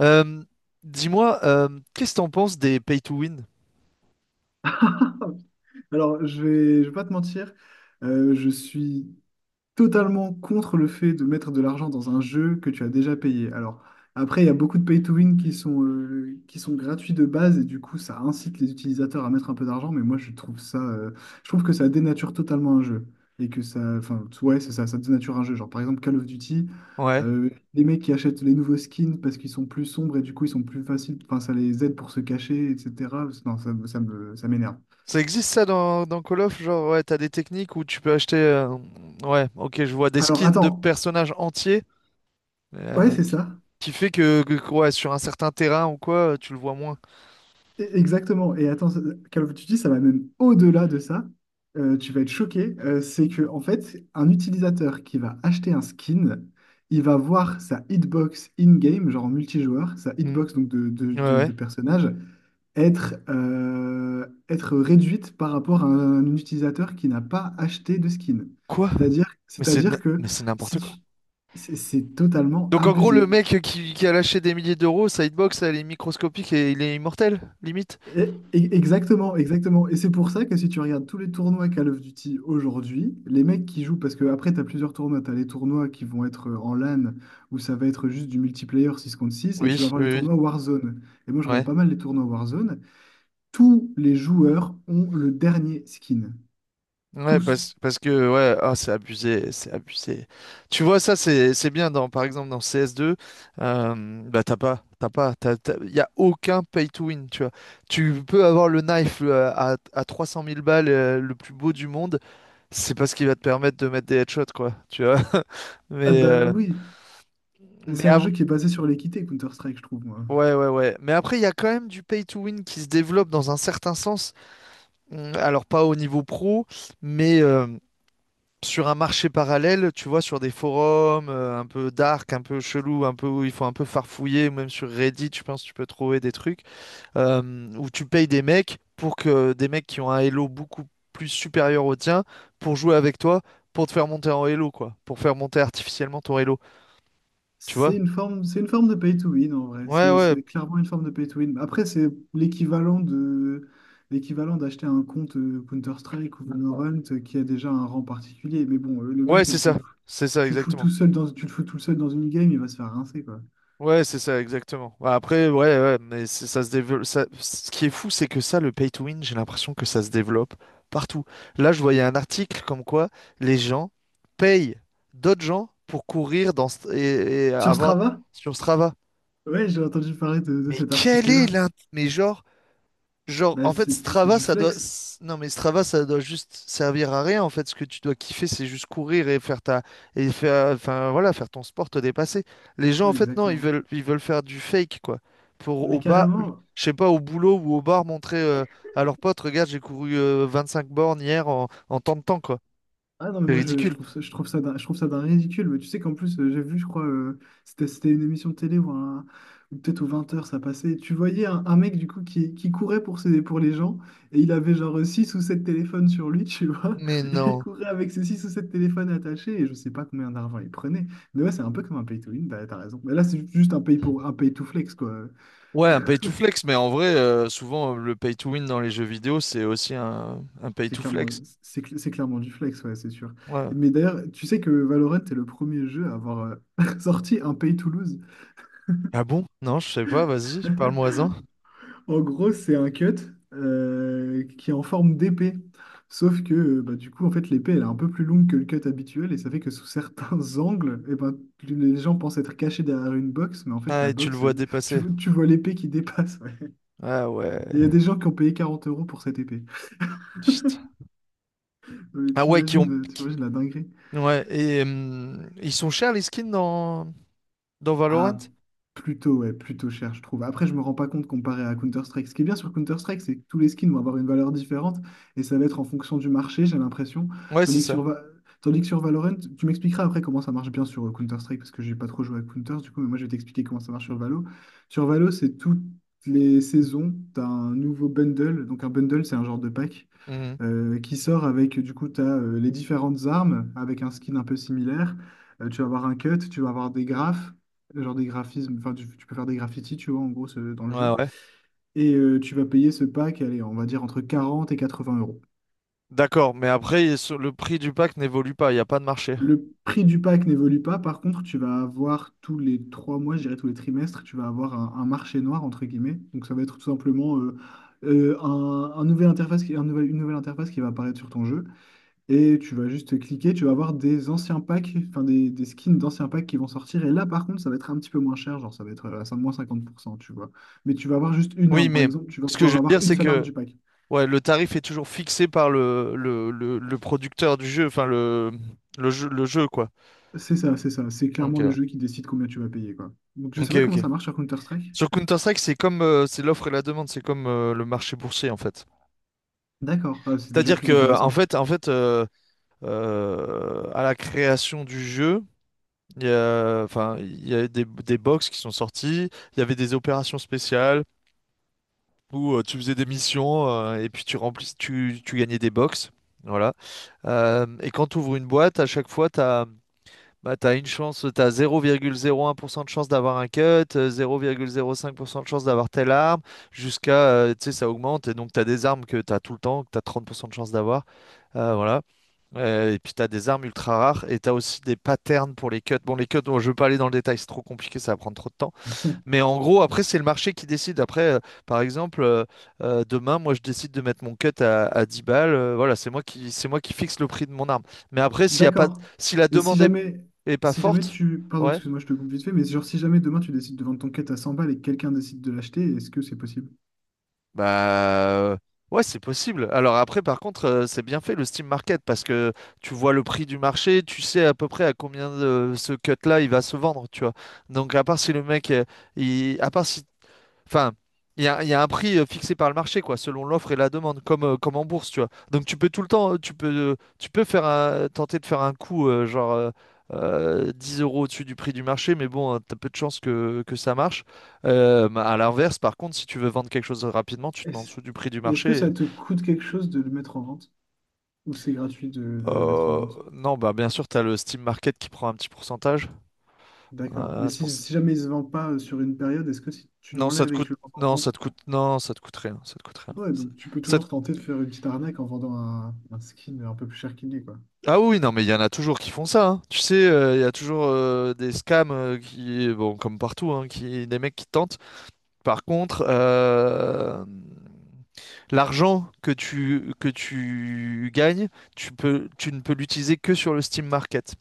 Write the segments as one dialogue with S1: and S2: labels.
S1: Euh, dis-moi, qu'est-ce que t'en penses des pay to win?
S2: Alors, je vais pas te mentir, je suis totalement contre le fait de mettre de l'argent dans un jeu que tu as déjà payé. Alors, après, il y a beaucoup de pay to win qui sont gratuits de base et du coup, ça incite les utilisateurs à mettre un peu d'argent, mais moi, je trouve ça, je trouve que ça dénature totalement un jeu et que ça, enfin, ouais, c'est ça, ça dénature un jeu. Genre, par exemple, Call of Duty.
S1: Ouais.
S2: Les mecs qui achètent les nouveaux skins parce qu'ils sont plus sombres et du coup ils sont plus faciles, enfin ça les aide pour se cacher, etc. Non, ça, ça m'énerve.
S1: Ça existe ça dans Call of? Genre, ouais, t'as des techniques où tu peux acheter. Ouais, ok, je vois des
S2: Alors
S1: skins de
S2: attends,
S1: personnages entiers
S2: ouais,
S1: euh,
S2: c'est
S1: qui
S2: ça.
S1: qui fait que, ouais, sur un certain terrain ou quoi, tu le vois moins.
S2: Exactement. Et attends, Call of Duty, ça va même au-delà de ça. Tu vas être choqué. C'est que, en fait, un utilisateur qui va acheter un skin, il va voir sa hitbox in-game, genre en multijoueur, sa
S1: Mhm.
S2: hitbox donc
S1: Ouais, ouais.
S2: de personnage, être, être réduite par rapport à un utilisateur qui n'a pas acheté de skin.
S1: Quoi? Mais
S2: C'est-à-dire que
S1: c'est
S2: si
S1: n'importe
S2: tu...
S1: quoi.
S2: c'est totalement
S1: Donc, en gros, le
S2: abusé.
S1: mec qui a lâché des milliers d'euros, sa hitbox, elle est microscopique et il est immortel, limite.
S2: Exactement. Et c'est pour ça que si tu regardes tous les tournois Call of Duty aujourd'hui, les mecs qui jouent, parce que après, tu as plusieurs tournois, tu as les tournois qui vont être en LAN, où ça va être juste du multiplayer 6 contre 6 et tu vas
S1: Oui,
S2: avoir
S1: oui,
S2: les
S1: oui.
S2: tournois Warzone. Et moi, je
S1: Ouais.
S2: regarde pas mal les tournois Warzone. Tous les joueurs ont le dernier skin.
S1: Ouais,
S2: Tous.
S1: parce que, ouais, ah, c'est abusé, c'est abusé. Tu vois, ça, c'est bien, dans, par exemple, dans CS2, bah, t'as pas, t'as pas, t'as, t'as- y a aucun pay to win, tu vois. Tu peux avoir le knife à 300 000 balles, le plus beau du monde, c'est parce qu'il va te permettre de mettre des headshots, quoi, tu vois.
S2: Ah
S1: Mais,
S2: bah
S1: euh,
S2: oui,
S1: mais
S2: c'est un
S1: ab-
S2: jeu qui est basé sur l'équité, Counter-Strike, je trouve, moi.
S1: ouais, ouais, ouais. Mais après, il y a quand même du pay to win qui se développe dans un certain sens. Alors, pas au niveau pro, mais, sur un marché parallèle, tu vois, sur des forums un peu dark, un peu chelou, un peu où il faut un peu farfouiller, ou même sur Reddit, je pense tu peux trouver des trucs euh, où tu payes des mecs pour que des mecs qui ont un Elo beaucoup plus supérieur au tien pour jouer avec toi, pour te faire monter en Elo, quoi, pour faire monter artificiellement ton Elo, tu
S2: C'est
S1: vois?
S2: une forme, c'est une forme de pay to win en vrai.
S1: Ouais,
S2: C'est
S1: ouais,
S2: clairement une forme de pay to win. Après, c'est l'équivalent de l'équivalent d'acheter un compte Counter-Strike ou Valorant, qui a déjà un rang particulier. Mais bon, le
S1: ouais,
S2: mec,
S1: c'est ça
S2: tu le fous tout
S1: exactement.
S2: seul tu le fous tout seul dans une game, il va se faire rincer, quoi.
S1: Ouais, c'est ça, exactement. Bah, après, ouais, ouais, mais ça se développe. Ce qui est fou, c'est que ça, le pay to win, j'ai l'impression que ça se développe partout. Là, je voyais un article comme quoi les gens payent d'autres gens pour courir dans et
S2: Sur
S1: avoir
S2: Strava?
S1: sur Strava.
S2: Ouais, j'ai entendu parler de
S1: Mais
S2: cet
S1: quel est
S2: article-là.
S1: l'intérêt? Mais genre,
S2: Bah,
S1: en fait,
S2: c'est
S1: Strava,
S2: du
S1: ça doit.
S2: flex.
S1: Non, mais Strava, ça doit juste servir à rien. En fait, ce que tu dois kiffer, c'est juste courir et faire ta. Et faire. Enfin, voilà, faire ton sport, te dépasser. Les gens, en
S2: Ouais,
S1: fait, non, ils
S2: exactement.
S1: veulent, ils veulent faire du fake, quoi. Pour au
S2: Mais
S1: bas,
S2: carrément.
S1: je sais pas, au boulot ou au bar, montrer à leurs potes, regarde, j'ai couru 5 bornes hier en tant de temps, quoi.
S2: Ah non, mais
S1: C'est
S2: moi
S1: ridicule.
S2: je trouve ça d'un, je trouve ça d'un ridicule. Mais tu sais qu'en plus, j'ai vu, je crois, c'était une émission de télé ou peut-être aux 20 heures ça passait. Tu voyais un mec du coup qui courait pour ses, pour les gens et il avait genre 6 ou 7 téléphones sur lui, tu vois.
S1: Mais
S2: Il
S1: non.
S2: courait avec ses 6 ou 7 téléphones attachés et je sais pas combien d'argent il prenait. Mais ouais, c'est un peu comme un pay to win, t'as raison. Mais là, c'est juste un pay to flex, quoi.
S1: Ouais, un pay to flex, mais en vrai, souvent le pay to win dans les jeux vidéo, c'est aussi un pay
S2: C'est
S1: to
S2: clairement,
S1: flex.
S2: c'est clairement du flex, ouais, c'est sûr.
S1: Ouais.
S2: Mais d'ailleurs, tu sais que Valorant est le premier jeu à avoir sorti un pay to lose.
S1: Ah bon? Non, je sais pas, vas-y, parle-moi-en.
S2: En gros, c'est un cut qui est en forme d'épée. Sauf que du coup, en fait, l'épée, elle est un peu plus longue que le cut habituel et ça fait que sous certains angles, eh ben, les gens pensent être cachés derrière une box, mais en fait,
S1: Ah,
S2: la
S1: et tu le
S2: box,
S1: vois dépasser.
S2: tu vois l'épée qui dépasse. Ouais.
S1: Ah
S2: Et il y a
S1: ouais.
S2: des gens qui ont payé 40 € pour cette épée.
S1: Putain.
S2: Non, mais
S1: Ah ouais.
S2: t'imagines, t'imagines la dinguerie.
S1: Ouais, et ils sont chers les skins dans Valorant?
S2: Ah, plutôt, ouais, plutôt cher, je trouve. Après, je me rends pas compte comparé à Counter-Strike. Ce qui est bien sur Counter-Strike, c'est que tous les skins vont avoir une valeur différente et ça va être en fonction du marché, j'ai l'impression.
S1: Ouais, c'est
S2: Tandis que
S1: ça.
S2: sur, Va- Tandis que sur Valorant, tu m'expliqueras après comment ça marche bien sur Counter-Strike parce que j'ai pas trop joué à Counter, du coup, mais moi je vais t'expliquer comment ça marche sur Valo. Sur Valo, c'est toutes les saisons, tu as un nouveau bundle. Donc, un bundle, c'est un genre de pack
S1: Mhm.
S2: qui sort avec, du coup, tu as les différentes armes avec un skin un peu similaire. Tu vas avoir un cut, tu vas avoir des graphes, genre des graphismes, enfin, tu peux faire des graffitis, tu vois, en gros, dans le
S1: Ouais,
S2: jeu.
S1: ouais.
S2: Et tu vas payer ce pack, allez, on va dire entre 40 et 80 euros.
S1: D'accord, mais après, le prix du pack n'évolue pas, il n'y a pas de marché.
S2: Le prix du pack n'évolue pas, par contre, tu vas avoir tous les 3 mois, je dirais tous les trimestres, tu vas avoir un marché noir, entre guillemets. Donc ça va être tout simplement un nouvel interface qui, un nouvel- une nouvelle interface qui va apparaître sur ton jeu. Et tu vas juste cliquer, tu vas avoir des anciens packs, enfin des skins d'anciens packs qui vont sortir. Et là, par contre, ça va être un petit peu moins cher, genre ça va être à 5, moins 50%, tu vois. Mais tu vas avoir juste une
S1: Oui,
S2: arme, par
S1: mais
S2: exemple, tu vas
S1: ce que je
S2: pouvoir
S1: veux
S2: avoir
S1: dire,
S2: une
S1: c'est
S2: seule arme
S1: que
S2: du pack.
S1: ouais, le tarif est toujours fixé par le producteur du jeu, enfin le jeu, quoi.
S2: C'est ça. C'est clairement le
S1: Ok.
S2: jeu qui décide combien tu vas payer, quoi. Donc je sais
S1: Ok,
S2: pas comment
S1: ok.
S2: ça marche sur Counter-Strike.
S1: Sur Counter-Strike, c'est comme c'est l'offre et la demande, c'est comme le marché boursier en fait.
S2: D'accord, ah, c'est déjà
S1: C'est-à-dire
S2: plus
S1: que en
S2: intéressant.
S1: fait, en fait, à la création du jeu, enfin, il y a des box qui sont sortis. Il y avait des opérations spéciales où tu faisais des missions et puis tu remplis, tu gagnais des box. Voilà. Et quand tu ouvres une boîte, à chaque fois, bah, t'as une chance, tu as 0,01% de chance d'avoir un cut, 0,05% de chance d'avoir telle arme, jusqu'à, tu sais, ça augmente. Et donc, tu as des armes que tu as tout le temps, que tu as 30% de chance d'avoir. Voilà. Et puis tu as des armes ultra rares et tu as aussi des patterns pour les cuts. Bon, les cuts, bon, je veux pas aller dans le détail, c'est trop compliqué, ça va prendre trop de temps. Mais en gros, après, c'est le marché qui décide. Après, par exemple, demain, moi, je décide de mettre mon cut à, 10 balles. Voilà, c'est moi qui fixe le prix de mon arme. Mais après, s'il y a pas,
S2: D'accord.
S1: si la
S2: Et
S1: demande est, est pas
S2: si jamais
S1: forte,
S2: pardon,
S1: ouais.
S2: excuse-moi, je te coupe vite fait, mais genre si jamais demain tu décides de vendre ton quête à 100 balles et que quelqu'un décide de l'acheter, est-ce que c'est possible?
S1: Bah ouais, c'est possible. Alors après, par contre, c'est bien fait le Steam Market parce que tu vois le prix du marché, tu sais à peu près à combien de ce cut-là il va se vendre, tu vois. Donc à part si le mec, il... à part si Enfin, il y a un prix fixé par le marché, quoi, selon l'offre et la demande, comme en bourse, tu vois. Donc tu peux tout le temps, tu peux faire un- tenter de faire un coup, genre 10 € au-dessus du prix du marché, mais bon, tu t'as peu de chances que ça marche. Bah, à l'inverse, par contre, si tu veux vendre quelque chose rapidement, tu te mets en
S2: Est-ce
S1: dessous du prix du
S2: est-ce que
S1: marché.
S2: ça te coûte quelque chose de le mettre en vente? Ou c'est gratuit de le mettre en
S1: Euh,
S2: vente?
S1: non, bah bien sûr, tu as le Steam Market qui prend un petit pourcentage.
S2: D'accord.
S1: Euh,
S2: Mais
S1: c'est pour ça-
S2: si jamais il se vend pas sur une période, est-ce que si tu
S1: Non, ça te
S2: l'enlèves et que
S1: coûte.
S2: tu le vends en
S1: Non,
S2: vente?
S1: ça te coûte. Non, ça te coûte rien. Ça te coûte rien.
S2: Ouais,
S1: Ça,
S2: donc tu peux
S1: ça
S2: toujours tenter de faire une petite arnaque en vendant un skin un peu plus cher qu'il n'est, quoi.
S1: Ah oui, non, mais il y en a toujours qui font ça. Hein. Tu sais, il y a toujours des scams qui, bon, comme partout, hein, qui, des mecs qui tentent. Par contre, l'argent que tu gagnes, tu ne peux l'utiliser que sur le Steam Market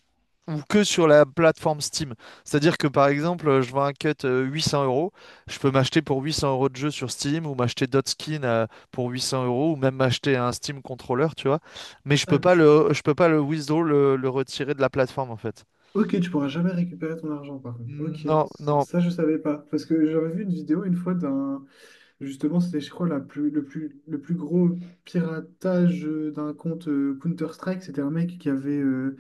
S1: ou que sur la plateforme Steam. C'est-à-dire que par exemple, je vends un cut 800 euros, je peux m'acheter pour 800 € de jeu sur Steam ou m'acheter d'autres skins pour 800 € ou même m'acheter un Steam controller, tu vois. Mais je peux
S2: Ah,
S1: pas
S2: tu-
S1: le, je peux pas le withdraw, le retirer de la plateforme en fait.
S2: Ok, tu pourras jamais récupérer ton argent, par contre. Ok,
S1: Non,
S2: ça,
S1: non,
S2: je savais pas. Parce que j'avais vu une vidéo une fois d'un, justement, c'était, je crois, la plus, le plus, le plus gros piratage d'un compte Counter-Strike. C'était un mec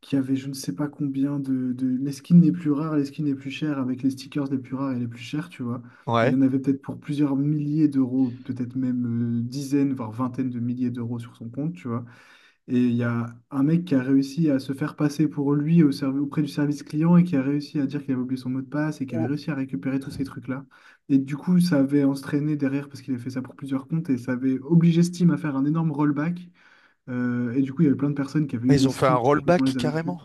S2: qui avait je ne sais pas combien Les skins les plus rares, les skins les plus chers avec les stickers les plus rares et les plus chers, tu vois. Il
S1: ouais.
S2: y en avait peut-être pour plusieurs milliers d'euros, peut-être même dizaines, voire vingtaines de milliers d'euros sur son compte, tu vois. Et il y a un mec qui a réussi à se faire passer pour lui auprès du service client et qui a réussi à dire qu'il avait oublié son mot de passe et qui avait
S1: Oh,
S2: réussi à récupérer tous ces trucs-là. Et du coup, ça avait entraîné derrière, parce qu'il a fait ça pour plusieurs comptes, et ça avait obligé Steam à faire un énorme rollback. Et du coup, il y avait plein de personnes qui avaient eu
S1: ils
S2: des
S1: ont fait un
S2: skins qui finalement
S1: rollback
S2: les avaient pu.
S1: carrément.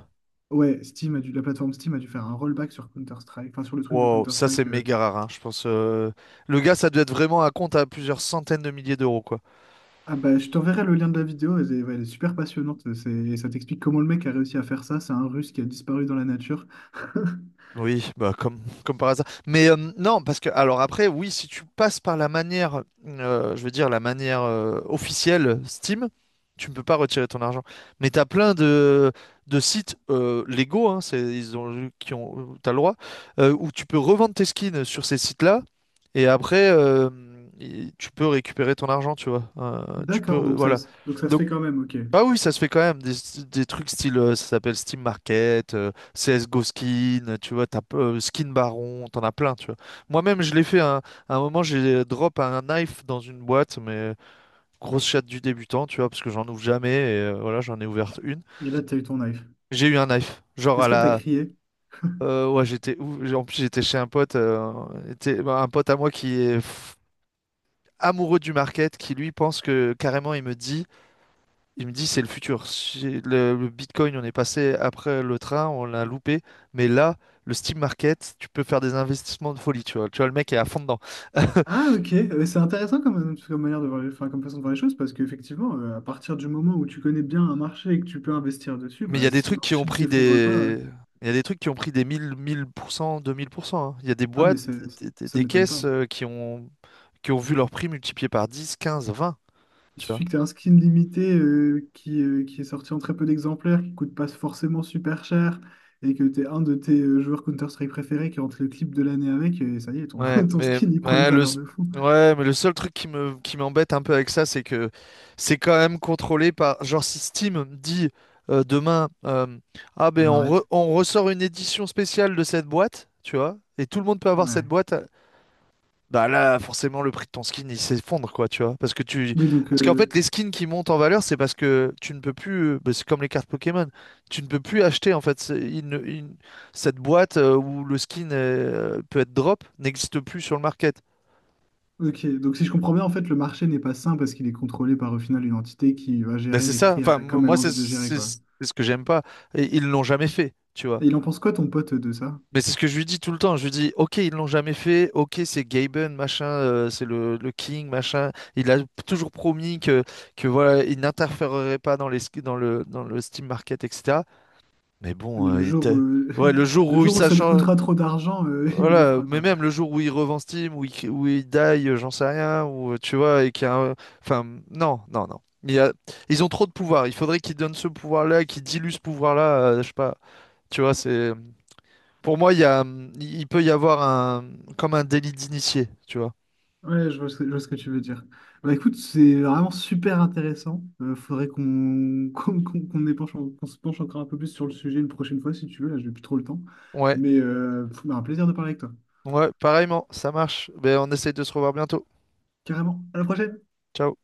S2: Ouais, la plateforme Steam a dû faire un rollback sur Counter-Strike, enfin sur le truc de
S1: Wow, ça c'est
S2: Counter-Strike.
S1: méga rare, hein, je pense. Le gars, ça doit être vraiment un compte à plusieurs centaines de milliers d'euros, quoi.
S2: Ah bah, je t'enverrai le lien de la vidéo, elle est, ouais, elle est super passionnante. Ça t'explique comment le mec a réussi à faire ça. C'est un Russe qui a disparu dans la nature.
S1: Oui, bah comme par hasard. Mais non, parce que alors après, oui, si tu passes par la manière, je veux dire la manière officielle Steam, tu ne peux pas retirer ton argent. Mais t'as plein de sites légaux, hein, c'est, ils ont, qui ont, t'as le droit, où tu peux revendre tes skins sur ces sites-là, et après, tu peux récupérer ton argent, tu vois. Tu
S2: D'accord,
S1: peux,
S2: donc
S1: voilà.
S2: donc ça se
S1: Donc
S2: fait quand même, ok. Et
S1: ah oui, ça se fait quand même des trucs style, ça s'appelle Steam Market, CSGO Skin, tu vois, t'as, Skin Baron, t'en as plein, tu vois. Moi-même, je l'ai fait à un moment, j'ai drop un knife dans une boîte, mais grosse chatte du débutant, tu vois, parce que j'en ouvre jamais, et voilà, j'en ai ouvert une.
S2: là, t'as eu ton knife.
S1: J'ai eu un knife, genre à
S2: Est-ce que t'as
S1: la.
S2: crié?
S1: Ouais, en plus, j'étais chez un pote, bah, un pote à moi qui est amoureux du market, qui lui pense que, carrément, il me dit. Il me dit, c'est le futur. Si le Bitcoin, on est passé après le train, on l'a loupé. Mais là, le Steam Market, tu peux faire des investissements de folie, tu vois. Tu vois, le mec est à fond dedans.
S2: Ah, ok, c'est intéressant comme, comme manière de voir les, enfin, comme façon de voir les choses, parce qu'effectivement, à partir du moment où tu connais bien un marché et que tu peux investir dessus,
S1: Mais il y
S2: bah,
S1: a des
S2: si le
S1: trucs qui ont
S2: marché ne
S1: pris
S2: s'effondre pas,
S1: Il y a des trucs qui ont pris des 1000, 1000%, 2000%. Hein. Il y a des
S2: ah, mais
S1: boîtes, des, des-
S2: ça
S1: des
S2: m'étonne pas.
S1: caisses qui ont vu leur prix multiplié par 10, 15, 20,
S2: Il
S1: tu vois.
S2: suffit que tu aies un skin limité qui est sorti en très peu d'exemplaires, qui coûte pas forcément super cher, et que tu es un de tes joueurs Counter-Strike préférés qui rentre le clip de l'année avec, et ça y est, ton,
S1: Ouais,
S2: ton
S1: mais
S2: skin, il prend une
S1: ouais, le
S2: valeur
S1: s-
S2: de fou.
S1: ouais, mais le seul truc qui me qui m'embête un peu avec ça, c'est que c'est quand même contrôlé par genre si Steam dit demain ah ben
S2: On arrête.
S1: on ressort une édition spéciale de cette boîte, tu vois, et tout le monde peut avoir
S2: Ouais.
S1: cette boîte bah là, forcément, le prix de ton skin, il s'effondre, quoi, tu vois. Parce que tu.
S2: Oui, donc,
S1: Parce qu'en fait, les skins qui montent en valeur, c'est parce que tu ne peux plus. Bah, c'est comme les cartes Pokémon. Tu ne peux plus acheter, en fait. C'est- il ne- il- Cette boîte où le skin peut être drop n'existe plus sur le market.
S2: ok. Donc, si je comprends bien, en fait, le marché n'est pas sain parce qu'il est contrôlé par, au final, une entité qui va
S1: Bah,
S2: gérer
S1: c'est
S2: les
S1: ça.
S2: prix
S1: Enfin,
S2: comme elle
S1: moi,
S2: a
S1: c'est
S2: envie de le gérer,
S1: c'est-
S2: quoi.
S1: c'est ce que j'aime pas. Et ils l'ont jamais fait, tu vois.
S2: Et il en pense quoi, ton pote, de ça?
S1: Mais c'est ce que je lui dis tout le temps. Je lui dis, ok, ils l'ont jamais fait. Ok, c'est Gaben, machin, c'est le King, machin. Il a toujours promis que voilà, il n'interférerait pas dans les, sk- dans le Steam Market, etc. Mais bon,
S2: Mais le
S1: il
S2: jour,
S1: était. Ouais, le jour
S2: le
S1: où il
S2: jour où ça lui
S1: s'acharne,
S2: coûtera trop d'argent, il le
S1: voilà,
S2: fera,
S1: mais
S2: quoi.
S1: même le jour où il revend Steam, où il die, j'en sais rien, ou tu vois, et qu'il y a enfin, non, non, non. Ils ont trop de pouvoir. Il faudrait qu'ils donnent ce pouvoir-là, qu'ils diluent ce pouvoir-là. Je sais pas. Tu vois, c'est. Pour moi, il peut y avoir comme un délit d'initié, tu vois.
S2: Ouais, je vois ce que tu veux dire. Bah écoute, c'est vraiment super intéressant. Faudrait qu'on qu'on se penche encore un peu plus sur le sujet une prochaine fois si tu veux. Là, j'ai plus trop le temps.
S1: Ouais,
S2: Mais bah, un plaisir de parler avec toi.
S1: ouais, pareillement, ça marche. Ben, on essaye de se revoir bientôt.
S2: Carrément. À la prochaine!
S1: Ciao.